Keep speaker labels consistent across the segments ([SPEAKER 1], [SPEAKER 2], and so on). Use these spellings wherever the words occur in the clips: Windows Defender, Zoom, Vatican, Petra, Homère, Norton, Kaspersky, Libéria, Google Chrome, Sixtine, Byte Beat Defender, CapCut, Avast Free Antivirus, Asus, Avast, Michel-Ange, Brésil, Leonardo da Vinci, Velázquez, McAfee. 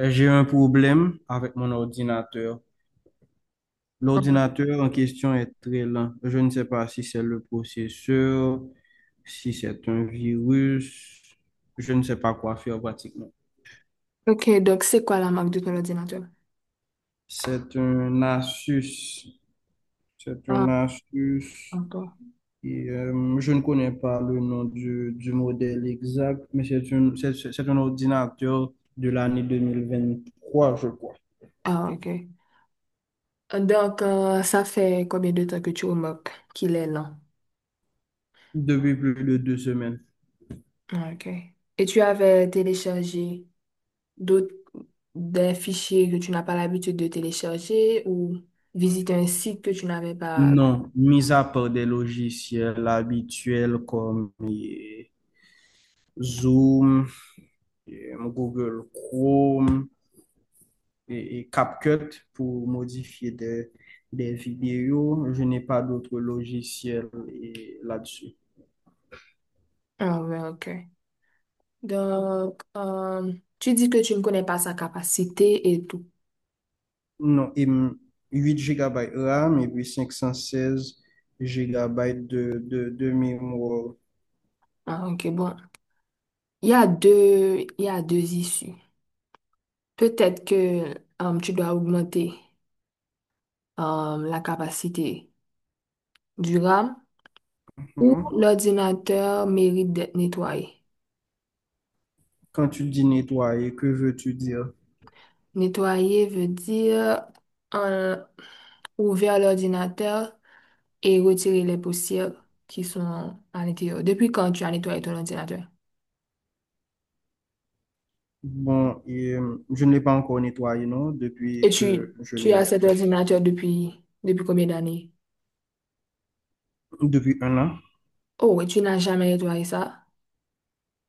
[SPEAKER 1] J'ai un problème avec mon ordinateur.
[SPEAKER 2] Ouais.
[SPEAKER 1] L'ordinateur en question est très lent. Je ne sais pas si c'est le processeur, si c'est un virus. Je ne sais pas quoi faire pratiquement.
[SPEAKER 2] Ok, donc c'est quoi la marque de ton ordinateur?
[SPEAKER 1] C'est un Asus. C'est un
[SPEAKER 2] Ah,
[SPEAKER 1] Asus.
[SPEAKER 2] encore.
[SPEAKER 1] Et, je ne connais pas le nom du modèle exact, mais c'est un ordinateur de l'année 2023, je crois,
[SPEAKER 2] Ah, ok. Donc, ça fait combien de temps que tu remarques qu'il est lent?
[SPEAKER 1] depuis plus de 2 semaines.
[SPEAKER 2] Ah, ok. Et tu avais téléchargé d'autres des fichiers que tu n'as pas l'habitude de télécharger ou visiter un site que tu n'avais pas.
[SPEAKER 1] Non, mis à part des logiciels habituels comme Zoom, Google Chrome et CapCut pour modifier des vidéos, je n'ai pas d'autres logiciels là-dessus.
[SPEAKER 2] Ah, ouais, ok. Donc, tu dis que tu ne connais pas sa capacité et tout.
[SPEAKER 1] Non, et 8 GB RAM et puis 516 GB de mémoire.
[SPEAKER 2] Ah, ok, bon. Il y a deux issues. Peut-être que tu dois augmenter la capacité du RAM ou
[SPEAKER 1] Mhm.
[SPEAKER 2] l'ordinateur mérite d'être nettoyé.
[SPEAKER 1] Quand tu dis nettoyer, que veux-tu dire?
[SPEAKER 2] Nettoyer veut dire euh, ouvrir l'ordinateur et retirer les poussières qui sont à l'intérieur. Depuis quand tu as nettoyé ton ordinateur?
[SPEAKER 1] Bon, et, je ne l'ai pas encore nettoyé, non,
[SPEAKER 2] Et
[SPEAKER 1] depuis que
[SPEAKER 2] tu,
[SPEAKER 1] je
[SPEAKER 2] tu
[SPEAKER 1] l'ai
[SPEAKER 2] as cet
[SPEAKER 1] acheté.
[SPEAKER 2] ordinateur depuis, depuis combien d'années?
[SPEAKER 1] Depuis un an?
[SPEAKER 2] Oh, et tu n'as jamais nettoyé ça?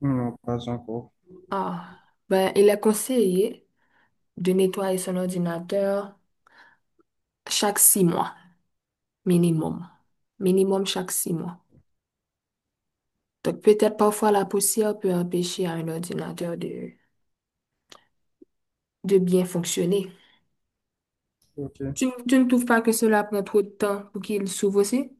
[SPEAKER 1] Non, pas encore.
[SPEAKER 2] Ah, ben, il est conseillé de nettoyer son ordinateur chaque 6 mois, minimum. Minimum chaque 6 mois. Donc peut-être parfois la poussière peut empêcher à un ordinateur de bien fonctionner.
[SPEAKER 1] Ok.
[SPEAKER 2] Tu ne trouves pas que cela prend trop de temps pour qu'il s'ouvre aussi?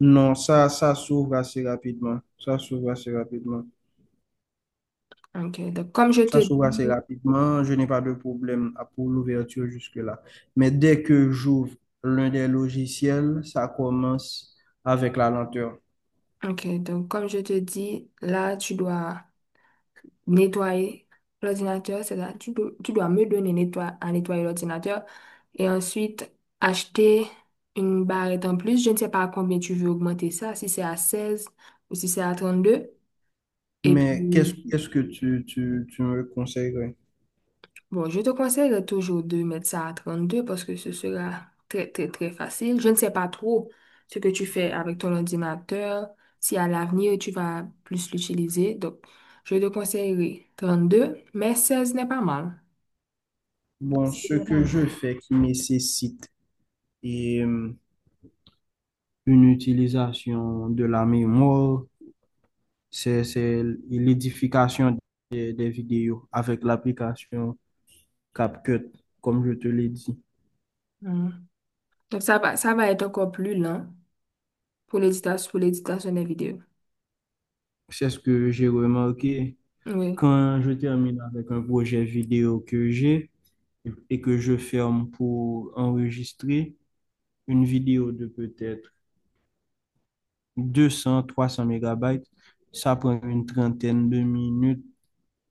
[SPEAKER 1] Non, ça s'ouvre assez rapidement. Ça s'ouvre assez rapidement.
[SPEAKER 2] Ok, donc comme je te
[SPEAKER 1] Ça s'ouvre assez
[SPEAKER 2] dis,
[SPEAKER 1] rapidement. Je n'ai pas de problème pour l'ouverture jusque-là. Mais dès que j'ouvre l'un des logiciels, ça commence avec la lenteur.
[SPEAKER 2] ok, donc comme je te dis, là tu dois nettoyer l'ordinateur, c'est-à-dire tu dois me donner à nettoyer l'ordinateur et ensuite acheter une barrette en plus. Je ne sais pas à combien tu veux augmenter ça, si c'est à 16 ou si c'est à 32. Et
[SPEAKER 1] Mais
[SPEAKER 2] puis,
[SPEAKER 1] qu'est-ce que tu me conseillerais?
[SPEAKER 2] bon, je te conseille toujours de mettre ça à 32 parce que ce sera très, très, très facile. Je ne sais pas trop ce que tu fais avec ton ordinateur, si à l'avenir tu vas plus l'utiliser. Donc, je te conseillerais deux mais 16 n'est pas mal.
[SPEAKER 1] Bon,
[SPEAKER 2] C'est
[SPEAKER 1] ce
[SPEAKER 2] vrai.
[SPEAKER 1] que je fais qui nécessite et euh, une utilisation de la mémoire, c'est l'édification des vidéos avec l'application CapCut, comme je te l'ai dit.
[SPEAKER 2] Mm. Donc, ça va être encore plus lent pour l'éditation des vidéos.
[SPEAKER 1] C'est ce que j'ai remarqué
[SPEAKER 2] Oui.
[SPEAKER 1] quand je termine avec un projet vidéo que j'ai et que je ferme pour enregistrer une vidéo de peut-être 200 300 mégabytes. Ça prend une trentaine de minutes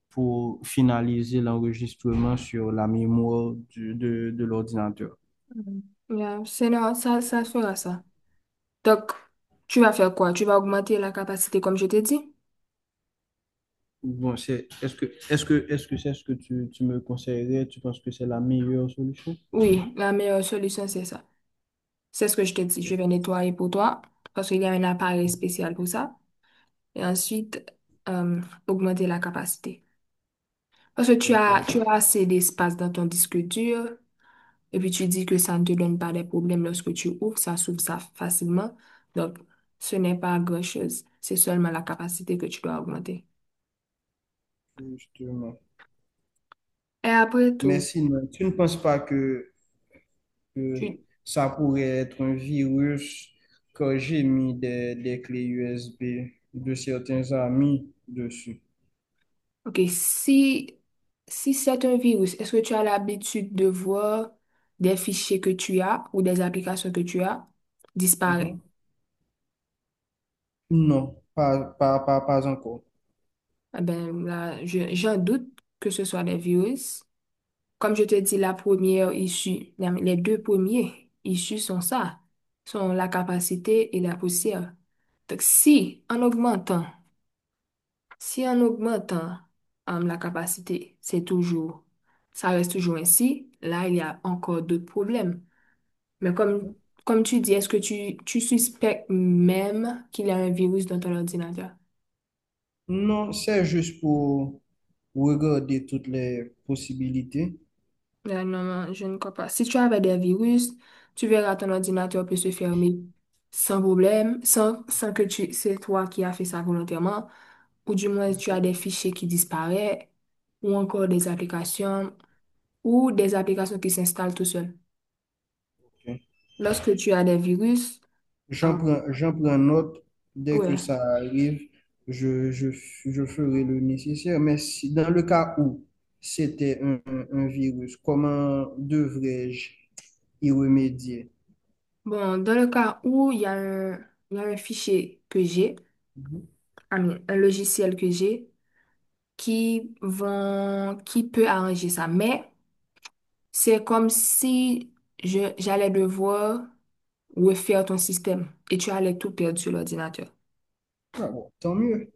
[SPEAKER 1] pour finaliser l'enregistrement sur la mémoire de l'ordinateur.
[SPEAKER 2] Mm. Yeah, c'est non, ça fera ça. Donc, tu vas faire quoi? Tu vas augmenter la capacité comme je t'ai dit?
[SPEAKER 1] Bon, c'est, est-ce que, est-ce que, est-ce que c'est ce que tu me conseillerais? Tu penses que c'est la meilleure solution?
[SPEAKER 2] Oui, la meilleure solution, c'est ça. C'est ce que je t'ai dit. Je
[SPEAKER 1] Ok,
[SPEAKER 2] vais nettoyer pour toi parce qu'il y a un appareil spécial pour ça. Et ensuite, euh, augmenter la capacité. Parce que tu as,
[SPEAKER 1] ok,
[SPEAKER 2] tu as assez d'espace dans ton disque dur. Et puis tu dis que ça ne te donne pas des problèmes lorsque tu ouvres, ça s'ouvre ça facilement. Donc, ce n'est pas grand-chose, c'est seulement la capacité que tu dois augmenter.
[SPEAKER 1] justement.
[SPEAKER 2] Et après
[SPEAKER 1] Mais
[SPEAKER 2] tout,
[SPEAKER 1] sinon, tu ne penses pas que
[SPEAKER 2] tu...
[SPEAKER 1] ça pourrait être un virus que j'ai mis des clés USB de certains amis dessus?
[SPEAKER 2] Ok, si c'est un virus, est-ce que tu as l'habitude de voir des fichiers que tu as ou des applications que tu as disparaître?
[SPEAKER 1] Mhm. Non, pas encore.
[SPEAKER 2] Eh bien, là, j'en doute que ce soit des virus. Comme je te dis, la première issue, les deux premiers issues sont ça, sont la capacité et la poussière. Donc, si en augmentant la capacité, c'est toujours, ça reste toujours ainsi, là, il y a encore d'autres problèmes. Mais comme tu dis, est-ce que tu suspectes même qu'il y a un virus dans ton ordinateur?
[SPEAKER 1] Non, c'est juste pour regarder toutes les possibilités.
[SPEAKER 2] Là, non, non, je ne crois pas. Si tu avais des virus, tu verras ton ordinateur peut se fermer sans problème, sans c'est toi qui as fait ça volontairement, ou du moins tu as des fichiers qui disparaissent, ou encore des applications, ou des applications qui s'installent tout seul. Lorsque tu as des virus, euh,
[SPEAKER 1] J'en prends note. Dès que
[SPEAKER 2] ouais.
[SPEAKER 1] ça arrive, je ferai le nécessaire. Mais si, dans le cas où c'était un virus, comment devrais-je y remédier?
[SPEAKER 2] Bon, dans le cas où il y a un fichier que j'ai,
[SPEAKER 1] Mhm.
[SPEAKER 2] ah, mais un logiciel que j'ai, qui vont, qui peut arranger ça, mais c'est comme si j'allais devoir refaire ton système et tu allais tout perdre sur l'ordinateur.
[SPEAKER 1] Ah bon, tant mieux,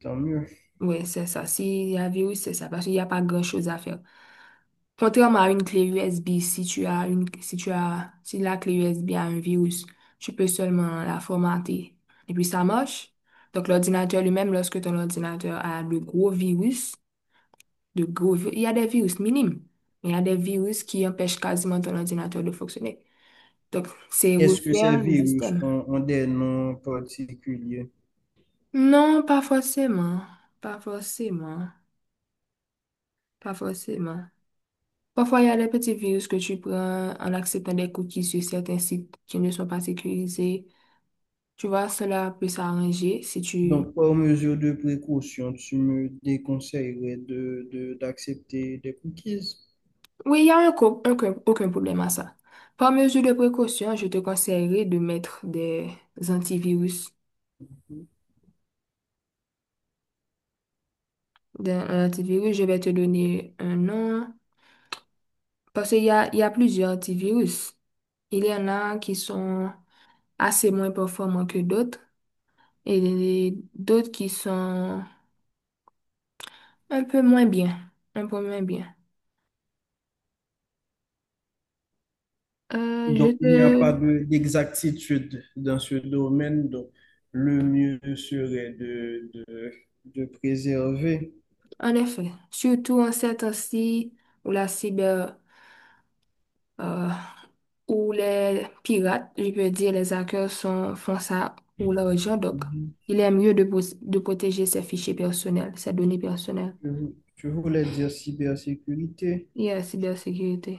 [SPEAKER 1] tant mieux.
[SPEAKER 2] Oui, c'est ça. S'il y a un virus, c'est ça, parce qu'il n'y a pas grand-chose à faire. Contrairement à une clé USB, si tu as, si la clé USB a un virus, tu peux seulement la formater. Et puis ça marche. Donc l'ordinateur lui-même, lorsque ton ordinateur a de gros virus, il y a des virus minimes, mais il y a des virus qui empêchent quasiment ton ordinateur de fonctionner. Donc, c'est
[SPEAKER 1] Est-ce que ces
[SPEAKER 2] refaire le
[SPEAKER 1] virus
[SPEAKER 2] système.
[SPEAKER 1] ont des noms particuliers?
[SPEAKER 2] Non, pas forcément. Pas forcément. Pas forcément. Parfois, il y a des petits virus que tu prends en acceptant des cookies sur certains sites qui ne sont pas sécurisés. Tu vois, cela peut s'arranger si tu...
[SPEAKER 1] Donc, par mesure de précaution, tu me déconseillerais d'accepter des cookies?
[SPEAKER 2] Oui, il y a un co- aucun, aucun problème à ça. Par mesure de précaution, je te conseillerais de mettre des antivirus. Dans un antivirus, je vais te donner un nom parce qu'il y a plusieurs antivirus. Il y en a qui sont... assez moins performants que d'autres et d'autres qui sont un peu moins bien, un peu moins bien. Je
[SPEAKER 1] Donc, il n'y a pas
[SPEAKER 2] te...
[SPEAKER 1] d'exactitude dans ce domaine. Donc, le mieux serait de préserver.
[SPEAKER 2] En effet, surtout en ces temps-ci où euh, où les pirates, je peux dire les hackers sont, font ça pour l'argent, donc
[SPEAKER 1] Mhm.
[SPEAKER 2] il est mieux de, de protéger ses fichiers personnels, ses données personnelles
[SPEAKER 1] Je je voulais dire cybersécurité.
[SPEAKER 2] et la cybersécurité.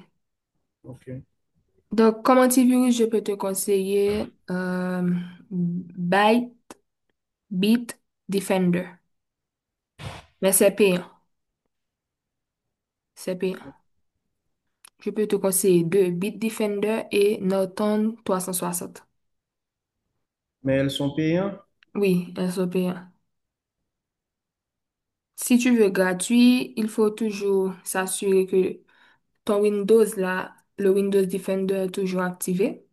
[SPEAKER 1] OK.
[SPEAKER 2] Donc, comme antivirus, je peux te conseiller Byte Beat Defender. Mais c'est payant, c'est payant. Je peux te conseiller deux, Beat Defender et Norton 360.
[SPEAKER 1] Mais elles sont payantes.
[SPEAKER 2] Oui, elles sont payantes. Si tu veux gratuit, il faut toujours s'assurer que ton Windows là, le Windows Defender est toujours activé.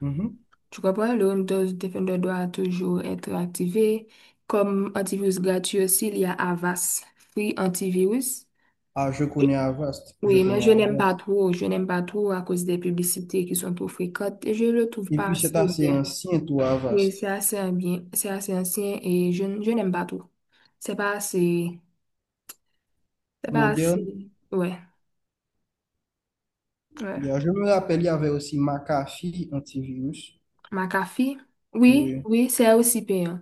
[SPEAKER 1] Mhm.
[SPEAKER 2] Tu comprends? Le Windows Defender doit toujours être activé. Comme antivirus gratuit aussi, il y a Avast Free Antivirus.
[SPEAKER 1] Ah, je connais Avast. Je
[SPEAKER 2] Oui, mais
[SPEAKER 1] connais
[SPEAKER 2] je n'aime pas
[SPEAKER 1] Avast.
[SPEAKER 2] trop. Je n'aime pas trop à cause des publicités qui sont trop fréquentes et je le trouve
[SPEAKER 1] Et
[SPEAKER 2] pas
[SPEAKER 1] puis, c'est
[SPEAKER 2] assez
[SPEAKER 1] assez
[SPEAKER 2] bien.
[SPEAKER 1] ancien, tout
[SPEAKER 2] Oui,
[SPEAKER 1] Avast.
[SPEAKER 2] c'est assez ancien et je n'aime pas trop. C'est pas assez, c'est pas assez.
[SPEAKER 1] Moderne.
[SPEAKER 2] Ouais,
[SPEAKER 1] Il
[SPEAKER 2] ouais.
[SPEAKER 1] y a- je me rappelle, il y avait aussi McAfee antivirus.
[SPEAKER 2] McAfee, oui,
[SPEAKER 1] Oui.
[SPEAKER 2] oui, c'est aussi payant.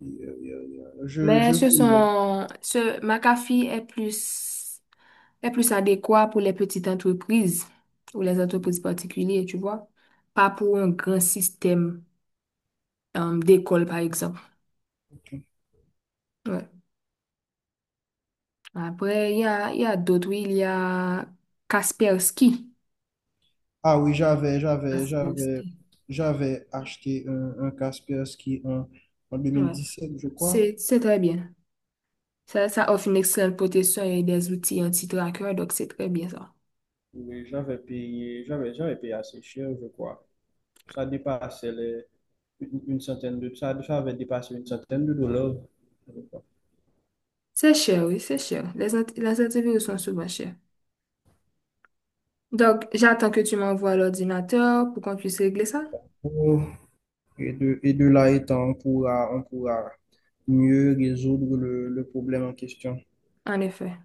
[SPEAKER 1] Il y a- il y a- il y a-
[SPEAKER 2] Mais
[SPEAKER 1] je connais.
[SPEAKER 2] ce McAfee est plus adéquat pour les petites entreprises ou les entreprises particulières, tu vois, pas pour un grand système, d'école, par exemple.
[SPEAKER 1] Ok.
[SPEAKER 2] Ouais. Après, il y a d'autres, oui, il y a Kaspersky.
[SPEAKER 1] Ah oui,
[SPEAKER 2] Kaspersky.
[SPEAKER 1] j'avais acheté un Kaspersky en deux mille
[SPEAKER 2] Ouais.
[SPEAKER 1] dix sept je crois.
[SPEAKER 2] C'est très bien. Ça offre une excellente protection et des outils anti-traqueurs, donc c'est très bien ça.
[SPEAKER 1] Oui, j'avais payé assez cher, je crois. Ça dépassait les, une centaine de, ça avait dépassé une centaine de dollars. Je crois.
[SPEAKER 2] C'est cher, oui, c'est cher. Les antivirus sont souvent chers. Donc, j'attends que tu m'envoies l'ordinateur pour qu'on puisse régler ça.
[SPEAKER 1] Oh, et de là étant, on pourra mieux résoudre le problème en question.
[SPEAKER 2] En effet.